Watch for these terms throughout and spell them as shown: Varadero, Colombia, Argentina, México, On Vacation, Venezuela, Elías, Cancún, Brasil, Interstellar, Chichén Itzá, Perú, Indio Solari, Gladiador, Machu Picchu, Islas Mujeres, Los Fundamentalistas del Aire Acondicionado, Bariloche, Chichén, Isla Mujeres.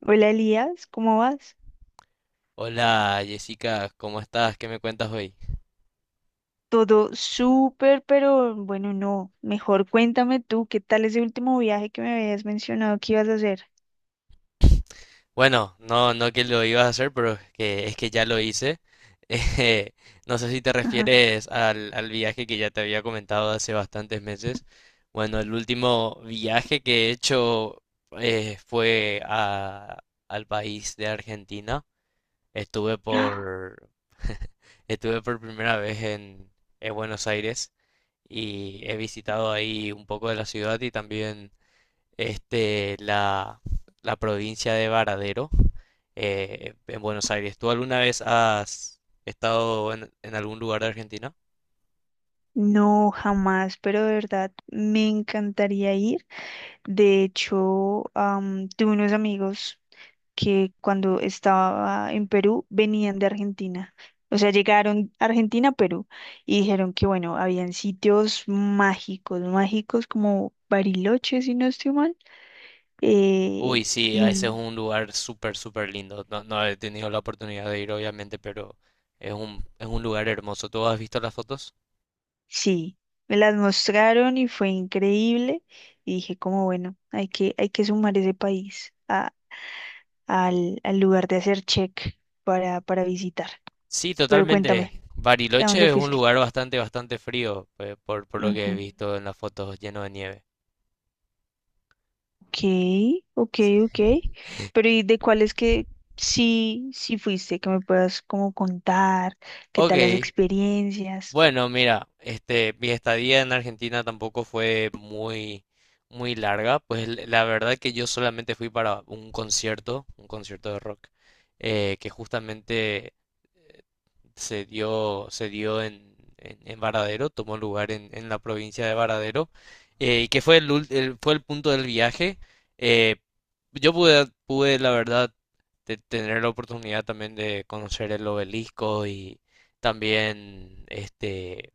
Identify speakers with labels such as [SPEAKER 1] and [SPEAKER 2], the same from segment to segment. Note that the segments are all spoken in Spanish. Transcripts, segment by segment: [SPEAKER 1] Hola Elías, ¿cómo vas?
[SPEAKER 2] Hola Jessica, ¿cómo estás? ¿Qué me cuentas hoy?
[SPEAKER 1] Todo súper, pero bueno, no. Mejor cuéntame tú, ¿qué tal ese último viaje que me habías mencionado que ibas a hacer?
[SPEAKER 2] Bueno, no, no que lo ibas a hacer, pero que es que ya lo hice. Eh, no sé si te
[SPEAKER 1] Ajá.
[SPEAKER 2] refieres al viaje que ya te había comentado hace bastantes meses. Bueno, el último viaje que he hecho fue al país de Argentina. Estuve
[SPEAKER 1] ¡Ah!
[SPEAKER 2] por, Estuve por primera vez en Buenos Aires y he visitado ahí un poco de la ciudad y también este, la, la provincia de Varadero, en Buenos Aires. ¿Tú alguna vez has estado en algún lugar de Argentina?
[SPEAKER 1] No, jamás, pero de verdad me encantaría ir. De hecho, tuve unos amigos que cuando estaba en Perú venían de Argentina. O sea, llegaron a Argentina, a Perú, y dijeron que, bueno, habían sitios mágicos, mágicos como Bariloche, si no estoy mal. Eh,
[SPEAKER 2] Uy, sí,
[SPEAKER 1] y
[SPEAKER 2] ese es
[SPEAKER 1] m-
[SPEAKER 2] un lugar súper, súper lindo. No, no he tenido la oportunidad de ir, obviamente, pero es un lugar hermoso. ¿Tú has visto las fotos?
[SPEAKER 1] sí, me las mostraron y fue increíble. Y dije, como bueno, hay que sumar ese país al lugar de hacer check para visitar.
[SPEAKER 2] Sí,
[SPEAKER 1] Pero
[SPEAKER 2] totalmente.
[SPEAKER 1] cuéntame, ¿a
[SPEAKER 2] Bariloche
[SPEAKER 1] dónde
[SPEAKER 2] es un
[SPEAKER 1] fuiste?
[SPEAKER 2] lugar bastante, bastante frío, por lo que he
[SPEAKER 1] Ujú.
[SPEAKER 2] visto en las fotos, lleno de nieve.
[SPEAKER 1] Ok, ok,
[SPEAKER 2] Sí.
[SPEAKER 1] ok. Pero ¿y de cuáles que sí, sí fuiste? Que me puedas como contar, qué tal las
[SPEAKER 2] Ok,
[SPEAKER 1] experiencias.
[SPEAKER 2] bueno, mira, mi estadía en Argentina tampoco fue muy, muy larga, pues la verdad que yo solamente fui para un concierto de rock, que justamente se dio en Varadero, tomó lugar en la provincia de Varadero, y que fue fue el punto del viaje. Eh, yo pude, la verdad, tener la oportunidad también de conocer el obelisco y también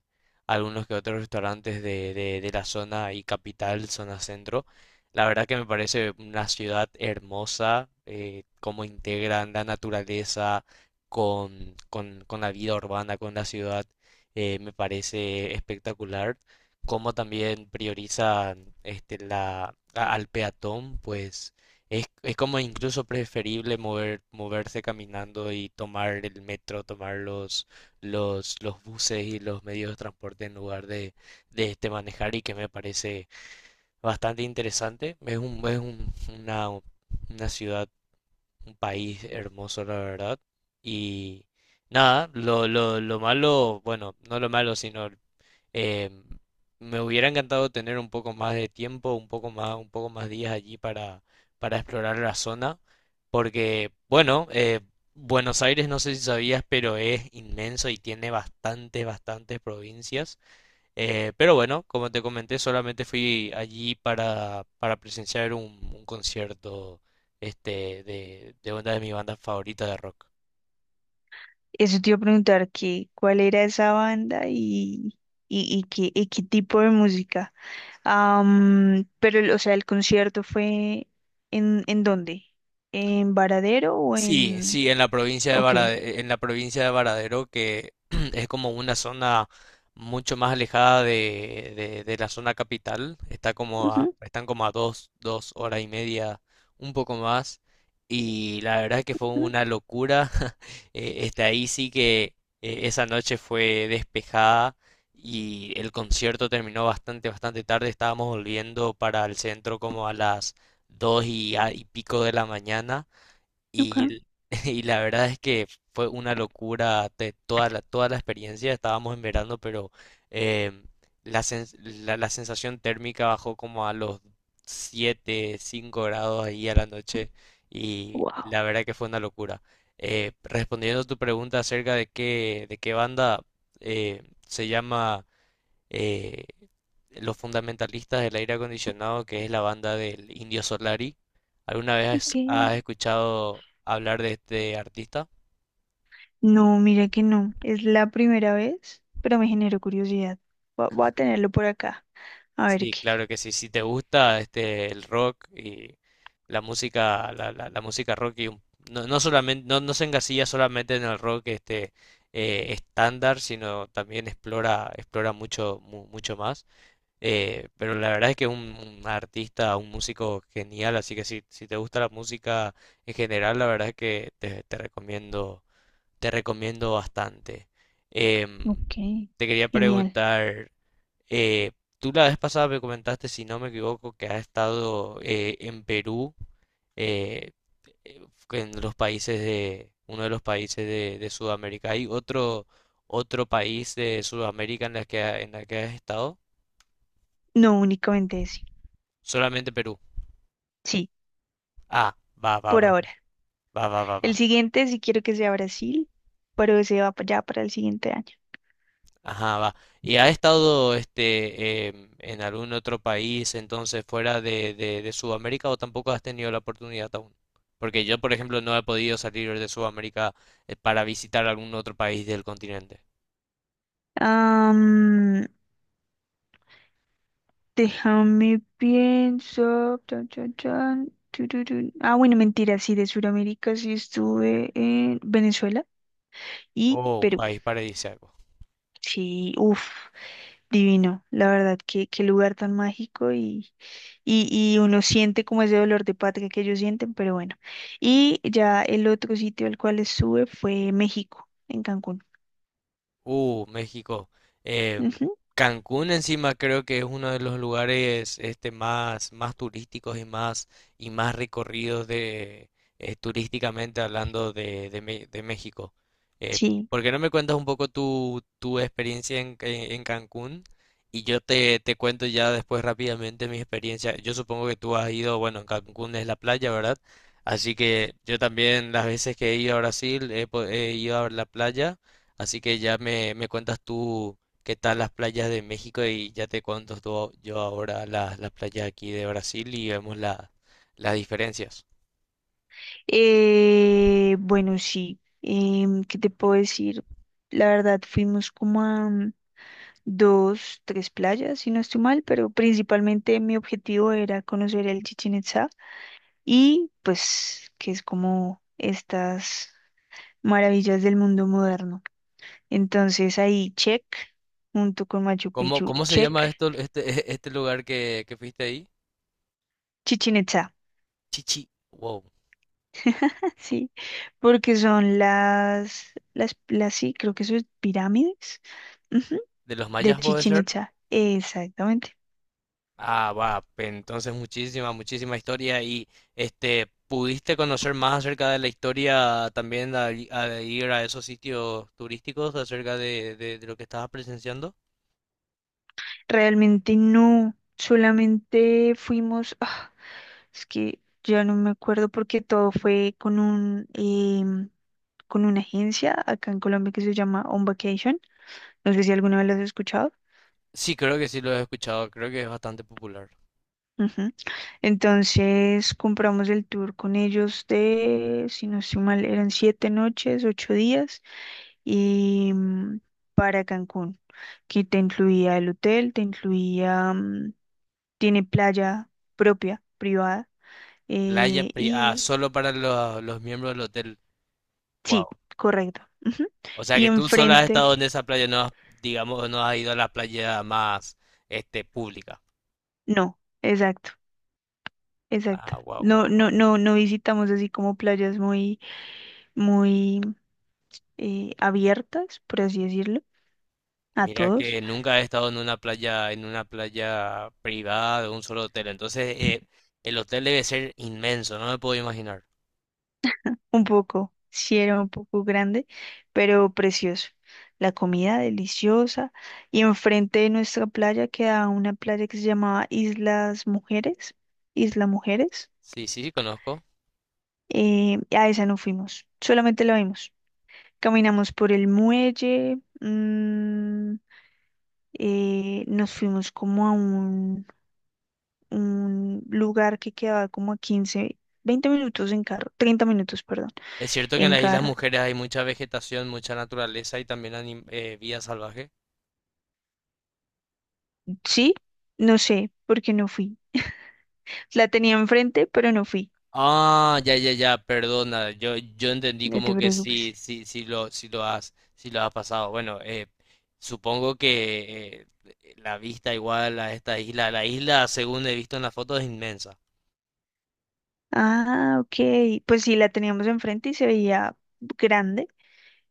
[SPEAKER 2] algunos que otros restaurantes de la zona y capital, zona centro. La verdad que me parece una ciudad hermosa, cómo integran la naturaleza, con la vida urbana, con la ciudad, me parece espectacular. Como también prioriza al peatón, pues es como incluso preferible moverse caminando y tomar el metro, tomar los buses y los medios de transporte en lugar de manejar y que me parece bastante interesante. Es una ciudad, un país hermoso, la verdad. Y nada, lo malo, bueno, no lo malo, sino eh, me hubiera encantado tener un poco más de tiempo, un poco más días allí para explorar la zona, porque, bueno, Buenos Aires, no sé si sabías, pero es inmenso y tiene bastantes, bastantes provincias. Pero bueno, como te comenté, solamente fui allí para presenciar un concierto de una de mis bandas favoritas de rock.
[SPEAKER 1] Eso te iba a preguntar que cuál era esa banda y qué tipo de música. Pero, o sea, el concierto fue ¿en dónde? ¿En Varadero o
[SPEAKER 2] Sí,
[SPEAKER 1] en...?
[SPEAKER 2] sí, en la provincia de
[SPEAKER 1] Ok.
[SPEAKER 2] En la provincia de Varadero, que es como una zona mucho más alejada de la zona capital,
[SPEAKER 1] Ujú,
[SPEAKER 2] están como a dos horas y media, un poco más, y la verdad que fue
[SPEAKER 1] ujú,
[SPEAKER 2] una locura. Ahí sí que esa noche fue despejada y el concierto terminó bastante, bastante tarde, estábamos volviendo para el centro como a las dos y pico de la mañana.
[SPEAKER 1] ok.
[SPEAKER 2] Y, y la verdad es que fue una locura de toda toda la experiencia. Estábamos en verano, pero em, la sensación térmica bajó como a los 7 5 grados ahí a la noche. Y
[SPEAKER 1] Wow.
[SPEAKER 2] la verdad que fue una locura. Respondiendo a tu pregunta acerca de qué banda se llama eh, Los Fundamentalistas del Aire Acondicionado, que es la banda del Indio Solari. ¿Alguna
[SPEAKER 1] Ok.
[SPEAKER 2] vez has escuchado hablar de este artista?
[SPEAKER 1] No, mira que no. Es la primera vez, pero me generó curiosidad. Voy a tenerlo por acá. A ver
[SPEAKER 2] Sí,
[SPEAKER 1] qué.
[SPEAKER 2] claro que sí. Si te gusta el rock y la música, la música rock y no solamente, no se engasilla solamente en el rock estándar, sino también explora mucho más. Pero la verdad es que es un artista, un músico genial, así que si te gusta la música en general, la verdad es que te recomiendo bastante. Em,
[SPEAKER 1] Ok.
[SPEAKER 2] te quería
[SPEAKER 1] Genial.
[SPEAKER 2] preguntar, eh, tú la vez pasada me comentaste, si no me equivoco, que has estado en Perú, eh, eh, en uno de los países de Sudamérica. ¿Hay otro país de Sudamérica en la que has estado?
[SPEAKER 1] No, únicamente ese.
[SPEAKER 2] Solamente Perú.
[SPEAKER 1] Sí,
[SPEAKER 2] Ah, va, va,
[SPEAKER 1] por
[SPEAKER 2] va,
[SPEAKER 1] ahora.
[SPEAKER 2] va, va, va, va.
[SPEAKER 1] El siguiente sí quiero que sea Brasil, pero ese va ya para el siguiente
[SPEAKER 2] Ajá, va. ¿Y ha estado en algún otro país entonces fuera de Sudamérica o tampoco has tenido la oportunidad aún? Porque yo, por ejemplo, no he podido salir de Sudamérica para visitar algún otro país del continente
[SPEAKER 1] año. Déjame pienso. Chan, chan, chan, tururú. Ah, bueno, mentira, sí, de Sudamérica sí estuve en Venezuela y
[SPEAKER 2] o un
[SPEAKER 1] Perú.
[SPEAKER 2] país paradisíaco.
[SPEAKER 1] Sí, uff, divino. La verdad, qué lugar tan mágico y, y uno siente como ese dolor de patria que ellos sienten, pero bueno. Y ya el otro sitio al cual estuve fue México, en Cancún.
[SPEAKER 2] México. Em,
[SPEAKER 1] Ujú,
[SPEAKER 2] Cancún encima creo que es uno de los lugares más, más turísticos y más recorridos turísticamente hablando de México. Eh,
[SPEAKER 1] sí.
[SPEAKER 2] ¿Por qué no me cuentas un poco tu experiencia en Cancún? Y yo te cuento ya después rápidamente mi experiencia. Yo supongo que tú has ido, bueno, en Cancún es la playa, ¿verdad? Así que yo también las veces que he ido a Brasil he ido a la playa. Así que ya me cuentas tú qué tal las playas de México y ya te cuento yo ahora las playas aquí de Brasil y vemos las diferencias.
[SPEAKER 1] Bueno, sí. ¿Qué te puedo decir? La verdad, fuimos como a dos, tres playas, si no estoy mal, pero principalmente mi objetivo era conocer el Chichén Itzá y pues que es como estas maravillas del mundo moderno. Entonces ahí check, junto con Machu
[SPEAKER 2] ¿Cómo,
[SPEAKER 1] Picchu,
[SPEAKER 2] cómo se
[SPEAKER 1] check.
[SPEAKER 2] llama esto, este lugar que fuiste ahí?
[SPEAKER 1] Chichén Itzá,
[SPEAKER 2] Chichi, wow.
[SPEAKER 1] sí, porque son las, sí, creo que eso es pirámides, ujú,
[SPEAKER 2] ¿De los
[SPEAKER 1] de
[SPEAKER 2] mayas de puede
[SPEAKER 1] Chichén
[SPEAKER 2] ser? Chichén.
[SPEAKER 1] Itzá, exactamente.
[SPEAKER 2] Ah, va, entonces muchísima, muchísima historia y ¿pudiste conocer más acerca de la historia también al ir a esos sitios turísticos acerca de lo que estabas presenciando?
[SPEAKER 1] Realmente no, solamente fuimos, ah. Es que ya no me acuerdo porque todo fue con con una agencia acá en Colombia que se llama On Vacation. No sé si alguna vez las has escuchado.
[SPEAKER 2] Sí, creo que sí lo he escuchado, creo que es bastante popular.
[SPEAKER 1] Ujú. Entonces compramos el tour con ellos de, si no estoy mal, eran 7 noches, 8 días y para Cancún, que te incluía el hotel, te incluía, tiene playa propia, privada,
[SPEAKER 2] Ah,
[SPEAKER 1] y
[SPEAKER 2] solo para los miembros del hotel.
[SPEAKER 1] sí,
[SPEAKER 2] Wow.
[SPEAKER 1] correcto. Ujú.
[SPEAKER 2] O sea
[SPEAKER 1] Y
[SPEAKER 2] que tú solo has
[SPEAKER 1] enfrente.
[SPEAKER 2] estado en esa playa, no has, digamos, no has ido a la playa más, pública.
[SPEAKER 1] No, exacto, exacto.
[SPEAKER 2] Ah, wow,
[SPEAKER 1] No,
[SPEAKER 2] wow,
[SPEAKER 1] no,
[SPEAKER 2] wow.
[SPEAKER 1] no, no visitamos así como playas muy, muy abiertas, por así decirlo, a
[SPEAKER 2] Mira
[SPEAKER 1] todos.
[SPEAKER 2] que nunca he estado en una playa privada de un solo hotel. Entonces, el hotel debe ser inmenso, no me puedo imaginar.
[SPEAKER 1] Un poco, sí era un poco grande, pero precioso. La comida deliciosa. Y enfrente de nuestra playa queda una playa que se llamaba Islas Mujeres, Isla Mujeres.
[SPEAKER 2] Sí, sí, sí, conozco.
[SPEAKER 1] A esa no fuimos, solamente la vimos. Caminamos por el muelle. Nos fuimos como a un lugar que quedaba como a 15, 20 minutos en carro, 30 minutos, perdón,
[SPEAKER 2] Es cierto que
[SPEAKER 1] en
[SPEAKER 2] en las Islas
[SPEAKER 1] carro.
[SPEAKER 2] Mujeres hay mucha vegetación, mucha naturaleza y también vida salvaje.
[SPEAKER 1] Sí, no sé por qué no fui. La tenía enfrente, pero no fui.
[SPEAKER 2] Ah, ya, ya, ya, perdona. Yo entendí
[SPEAKER 1] No te
[SPEAKER 2] como que
[SPEAKER 1] preocupes.
[SPEAKER 2] sí, sí, sí lo has pasado. Bueno, supongo que la vista igual a esta isla, la isla, según he visto en la foto, es inmensa.
[SPEAKER 1] Ah, ok. Pues sí, la teníamos enfrente y se veía grande,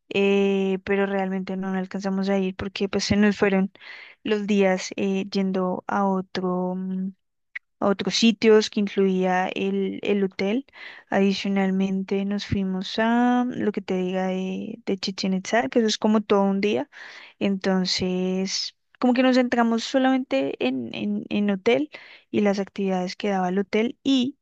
[SPEAKER 1] pero realmente no alcanzamos a ir porque pues se nos fueron los días yendo a otro. A otros sitios que incluía el hotel. Adicionalmente nos fuimos a lo que te diga de Chichén Itzá, que eso es como todo un día. Entonces, como que nos centramos solamente en hotel y las actividades que daba el hotel y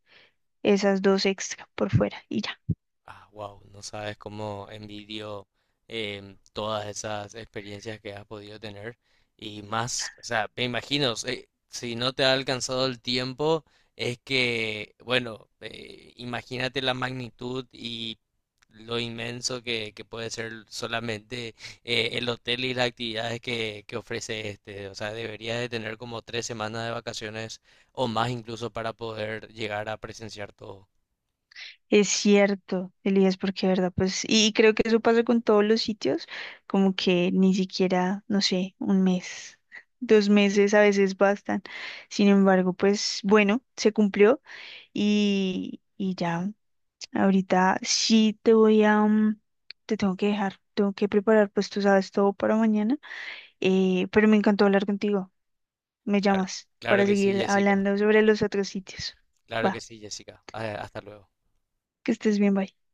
[SPEAKER 1] esas dos extra por fuera y ya.
[SPEAKER 2] Ah, wow, no sabes cómo envidio todas esas experiencias que has podido tener y más, o sea, me imagino, si no te ha alcanzado el tiempo, es que, bueno, imagínate la magnitud y lo inmenso que puede ser solamente el hotel y las actividades que ofrece o sea, deberías de tener como 3 semanas de vacaciones o más incluso para poder llegar a presenciar todo.
[SPEAKER 1] Es cierto, Elías, porque verdad, pues, y creo que eso pasa con todos los sitios, como que ni siquiera, no sé, un mes, 2 meses a veces bastan. Sin embargo, pues, bueno, se cumplió y ya, ahorita sí te voy a, mm, te tengo que dejar, tengo que preparar, pues tú sabes todo para mañana, pero me encantó hablar contigo. Me
[SPEAKER 2] Claro,
[SPEAKER 1] llamas
[SPEAKER 2] claro
[SPEAKER 1] para
[SPEAKER 2] que sí,
[SPEAKER 1] seguir
[SPEAKER 2] Jessica.
[SPEAKER 1] hablando sobre los otros sitios.
[SPEAKER 2] Claro que
[SPEAKER 1] Va,
[SPEAKER 2] sí, Jessica. Ah, hasta luego.
[SPEAKER 1] que estés bien, bye.